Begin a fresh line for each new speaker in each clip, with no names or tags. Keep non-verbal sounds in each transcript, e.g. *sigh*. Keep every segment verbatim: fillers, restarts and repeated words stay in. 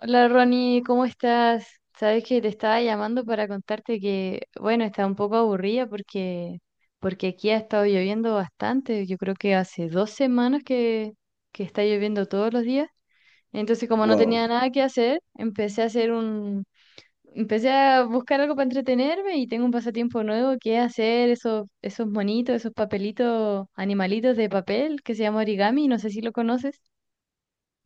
Hola Ronnie, ¿cómo estás? Sabes que te estaba llamando para contarte que, bueno, estaba un poco aburrida porque, porque aquí ha estado lloviendo bastante. Yo creo que hace dos semanas que, que está lloviendo todos los días. Entonces, como no
Wow.
tenía nada que hacer, empecé a hacer un, empecé a buscar algo para entretenerme y tengo un pasatiempo nuevo que es hacer esos, esos monitos, esos papelitos, animalitos de papel que se llama origami. No sé si lo conoces.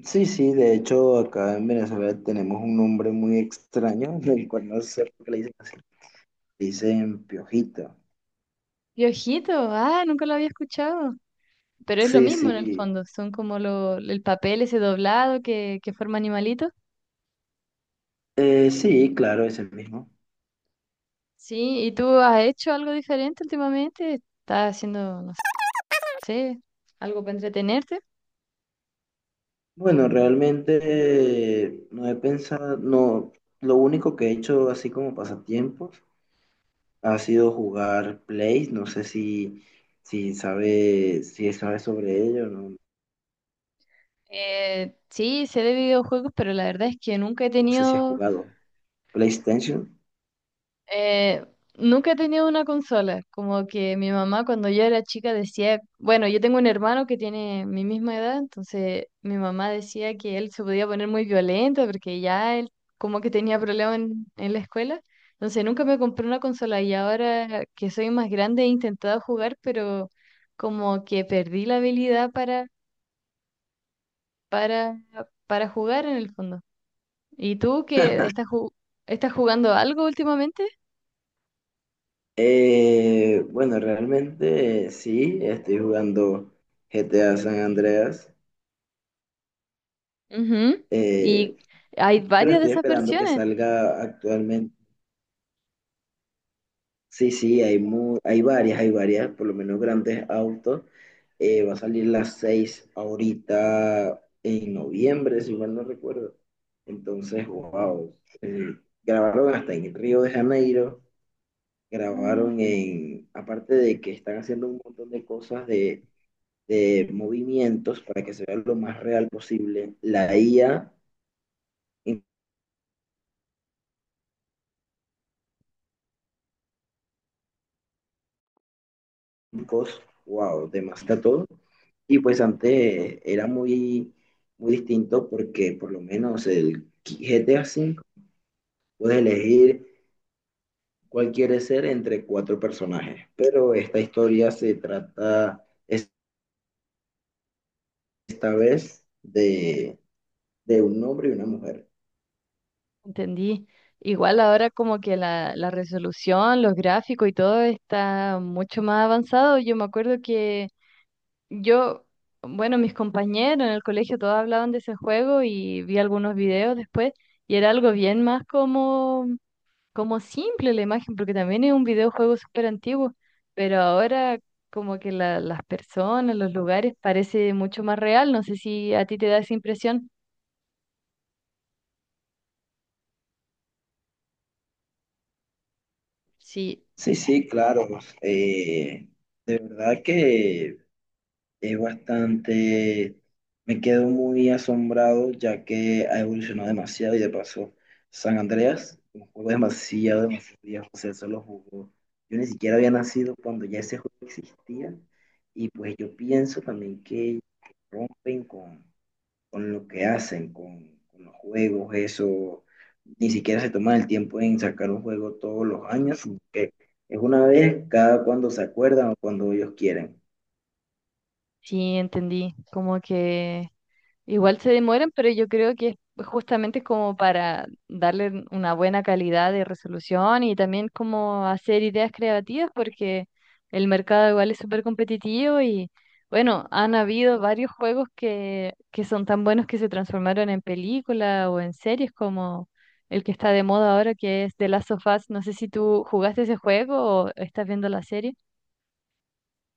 Sí, sí, de hecho acá en Venezuela tenemos un nombre muy extraño, *laughs* del cual no sé por qué le dicen así. Le dicen piojito.
Piojito, ah, nunca lo había escuchado. Pero es lo
Sí,
mismo en el
sí.
fondo, son como lo, el papel ese doblado que, que forma animalitos.
Eh, sí, claro, es el mismo.
Sí, ¿y tú has hecho algo diferente últimamente? ¿Estás haciendo, no sé, algo para entretenerte?
Bueno, realmente eh, no he pensado, no, lo único que he hecho así como pasatiempos ha sido jugar Play, no sé si, si sabe, si sabe sobre ello, no,
Eh, sí, sé de videojuegos, pero la verdad es que nunca he
no sé si has
tenido.
jugado PlayStation.
Eh, Nunca he tenido una consola, como que mi mamá cuando yo era chica decía, bueno, yo tengo un hermano que tiene mi misma edad, entonces mi mamá decía que él se podía poner muy violento porque ya él como que tenía problemas en, en la escuela, entonces nunca me compré una consola y ahora que soy más grande he intentado jugar, pero como que perdí la habilidad para, para, para jugar en el fondo. ¿Y tú que estás, ju- estás jugando algo últimamente?
Eh, bueno, realmente sí, estoy jugando G T A San Andreas,
Ujú. Y
eh,
hay
pero
varias de
estoy
esas
esperando que
versiones.
salga actualmente. Sí, sí, hay, mu- hay varias, hay varias, por lo menos grandes autos. Eh, va a salir las seis ahorita en noviembre, si mal no recuerdo. Entonces, wow. eh, grabaron hasta en Río de Janeiro,
Ah,
grabaron en, aparte de que están haciendo un montón de cosas de de movimientos para que se vea lo más real posible. La I A, incos, wow, demasiado todo. Y pues antes era muy, muy distinto porque por lo menos el G T A cinco puedes elegir cuál quieres ser entre cuatro personajes. Pero esta historia se trata es- esta vez de, de un hombre y una mujer.
entendí. Igual ahora como que la, la resolución, los gráficos y todo está mucho más avanzado. Yo me acuerdo que yo, bueno, mis compañeros en el colegio todos hablaban de ese juego y vi algunos videos después y era algo bien más como como simple la imagen, porque también es un videojuego súper antiguo, pero ahora como que la- las personas, los lugares, parece mucho más real. No sé si a ti te da esa impresión. Sí,
Sí, sí, claro. eh, de verdad que Es bastante, me quedo muy asombrado ya que ha evolucionado demasiado y de paso, San Andreas, un juego demasiado, demasiado viejo, o sea, eso lo jugó. Yo ni siquiera había nacido cuando ya ese juego existía y pues yo pienso también que rompen con, con lo que hacen, con, con los juegos, eso, ni siquiera se toman el tiempo en sacar un juego todos los años, sino que es una vez cada cuando se acuerdan o cuando ellos quieren.
sí, entendí. Como que igual se demoran, pero yo creo que es pues, justamente como para darle una buena calidad de resolución y también como hacer ideas creativas, porque el mercado igual es súper competitivo y bueno, han habido varios juegos que, que son tan buenos que se transformaron en película o en series como el que está de moda ahora, que es The Last of Us. No sé si tú jugaste ese juego o estás viendo la serie.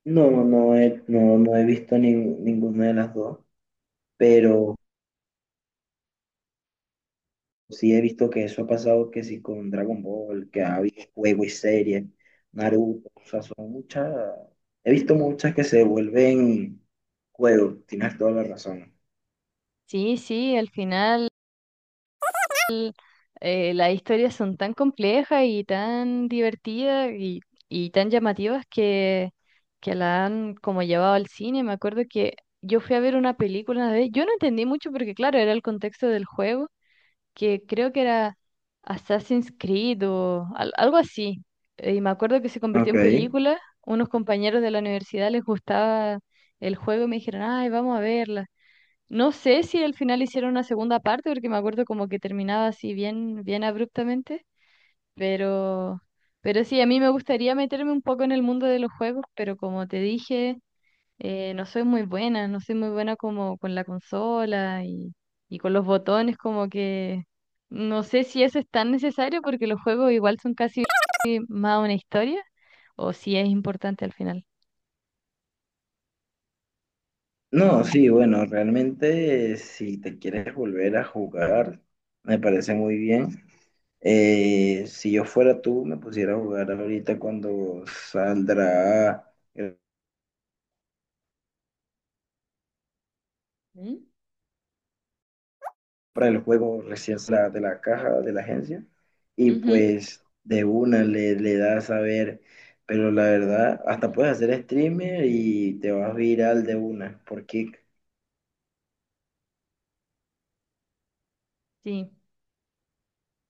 No, no he, no, no he visto ni- ninguna de las dos, pero sí he visto que eso ha pasado, que sí con Dragon Ball, que ha habido juego y serie, Naruto, o sea, son muchas, he visto muchas que se vuelven juego, tienes toda la razón.
Sí, sí, al final eh, las historias son tan complejas y tan divertidas y, y tan llamativas que, que la han como llevado al cine. Me acuerdo que yo fui a ver una película una vez, yo no entendí mucho porque claro, era el contexto del juego, que creo que era Assassin's Creed o al- algo así. Eh, Y me
Ok.
acuerdo que se convirtió en película, unos compañeros de la universidad les gustaba el juego y me dijeron, ay, vamos a verla. No sé si al final hicieron una segunda parte, porque me acuerdo como que terminaba así bien, bien abruptamente, pero, pero sí, a mí me gustaría meterme un poco en el mundo de los juegos, pero como te dije, eh, no soy muy buena, no soy muy buena como con la consola y, y con los botones, como que no sé si eso es tan necesario, porque los juegos igual son casi más una historia, o si es importante al final.
No, sí, bueno, realmente si te quieres volver a jugar, me parece muy bien. Eh, si yo fuera tú, me pusiera a jugar ahorita cuando saldrá. Para el juego recién la, de la caja de la agencia y pues de una le, le das a ver, pero la verdad, hasta puedes hacer streamer y te vas viral de una por Kick.
Sí.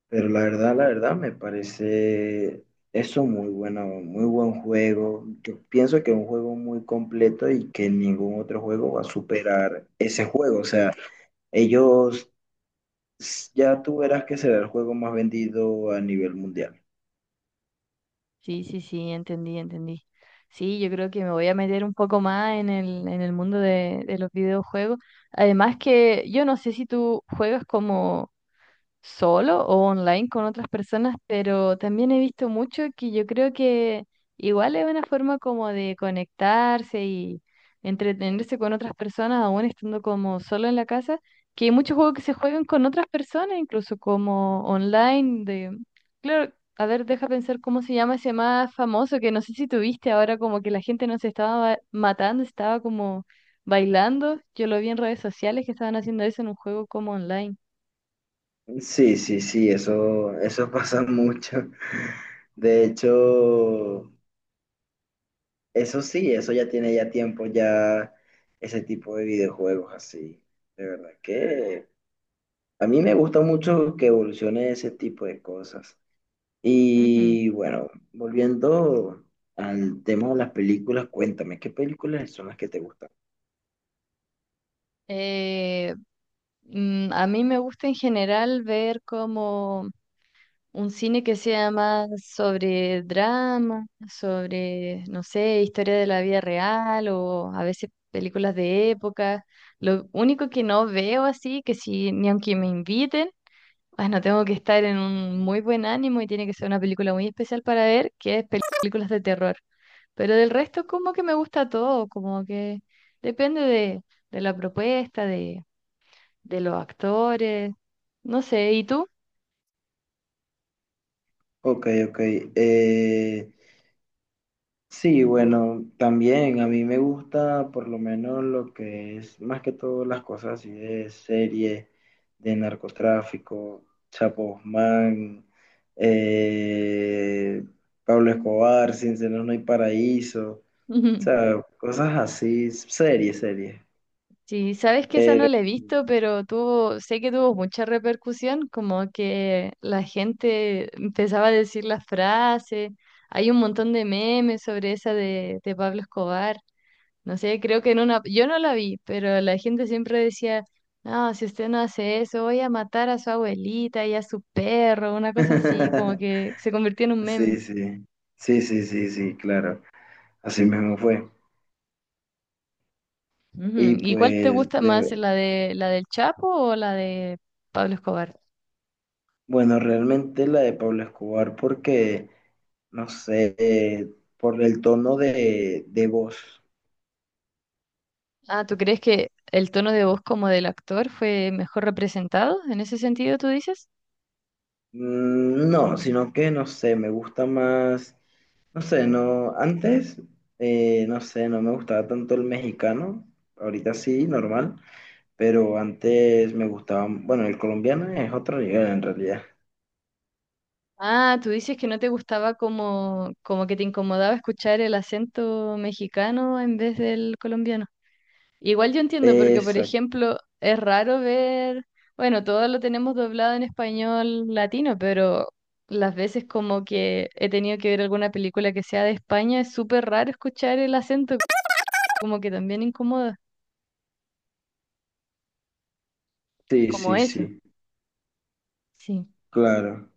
Pero la verdad, la verdad, me parece eso muy bueno, muy buen juego. Yo pienso que es un juego muy completo y que ningún otro juego va a superar ese juego. O sea, ellos ya tú verás que será el juego más vendido a nivel mundial.
Sí, sí, sí, entendí, entendí. Sí, yo creo que me voy a meter un poco más en el, en el mundo de, de los videojuegos. Además que yo no sé si tú juegas como solo o online con otras personas, pero también he visto mucho que yo creo que igual es una forma como de conectarse y entretenerse con otras personas, aún estando como solo en la casa, que hay muchos juegos que se juegan con otras personas, incluso como online, de... Claro, a ver, deja pensar cómo se llama ese más famoso, que no sé si tuviste ahora como que la gente no se estaba ba- matando, estaba como bailando. Yo lo vi en redes sociales que estaban haciendo eso en un juego como online.
Sí, sí, sí, eso, eso *laughs* pasa mucho. De hecho, eso sí, eso ya tiene ya tiempo, ya ese tipo de videojuegos así. De verdad que a mí me gusta mucho que evolucione ese tipo de cosas.
Ujú.
Y bueno, volviendo al tema de las películas, cuéntame, ¿qué películas son las que te gustan?
Eh, mm, a mí me gusta en general ver como un cine que sea más sobre drama, sobre, no sé, historia de la vida real o a veces películas de época. Lo único que no veo así, que si ni aunque me inviten, bueno, tengo que estar en un muy buen ánimo y tiene que ser una película muy especial para ver, que es películas de terror. Pero del resto como que me gusta todo, como que depende de de la propuesta, de los actores, no sé, ¿y tú?
Ok, ok. eh, Sí, bueno, también a mí me gusta por lo menos lo que es más que todo las cosas así de serie, de narcotráfico, Chapo Guzmán, eh, Pablo Escobar, Sin Senos No Hay Paraíso, o
Ujú.
sea, cosas así, serie, serie.
Sí, sabes que esa no
Pero
la he visto, pero tuvo, sé que tuvo mucha repercusión, como que la gente empezaba a decir las frases, hay un montón de memes sobre esa de, de Pablo Escobar, no sé, creo que en una, yo no la vi, pero la gente siempre decía, no, si usted no hace eso, voy a matar a su abuelita y a su perro, una cosa así, como
*laughs*
que se convirtió en un meme.
sí, sí, sí, sí, sí, sí, claro, así mismo fue. Y
Ujú. ¿Y cuál te
pues,
gusta más,
de,
la de la del Chapo o la de Pablo Escobar?
bueno, realmente la de Pablo Escobar porque, no sé, eh, por el tono de, de voz.
Ah, ¿tú crees que el tono de voz como del actor fue mejor representado? ¿En ese sentido tú dices?
Mm, No, sino que no sé, me gusta más, no sé, no, antes, eh, no sé, no me gustaba tanto el mexicano, ahorita sí, normal, pero antes me gustaba, bueno, el colombiano es otro nivel en realidad.
Ah, tú dices que no te gustaba como, como que te incomodaba escuchar el acento mexicano en vez del colombiano. Igual yo entiendo, porque por
Exacto,
ejemplo, es raro ver, bueno, todo lo tenemos doblado en español latino, pero las veces como que he tenido que ver alguna película que sea de España, es súper raro escuchar el acento, como que también incomoda. Es
sí,
como
sí,
eso.
sí,
Sí,
claro,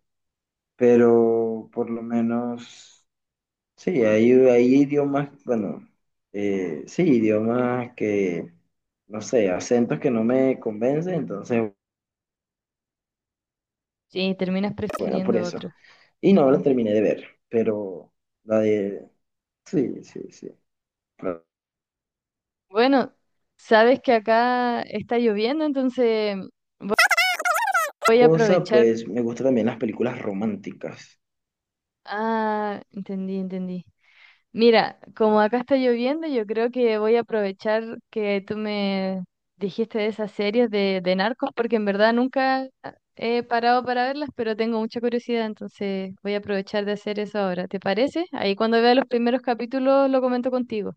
pero por lo menos. Sí, hay, hay idiomas, bueno, eh, sí, idiomas que, no sé, acentos que no me convencen, entonces,
sí, terminas
bueno, por
prefiriendo otro.
eso. Y no la
Ente-
terminé de ver, pero la de... Sí, sí, sí. Otra
Bueno, sabes que acá está lloviendo, entonces voy a
cosa,
aprovechar.
pues me gustan también las películas románticas.
Ah, entendí, entendí. Mira, como acá está lloviendo, yo creo que voy a aprovechar que tú me dijiste de esas series de, de narcos, porque en verdad nunca he parado para verlas, pero tengo mucha curiosidad, entonces voy a aprovechar de hacer eso ahora. ¿Te parece? Ahí cuando vea los primeros capítulos lo comento contigo.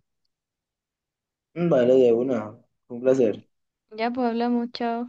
Vale, de una. Un placer.
Ya, pues hablamos, chao.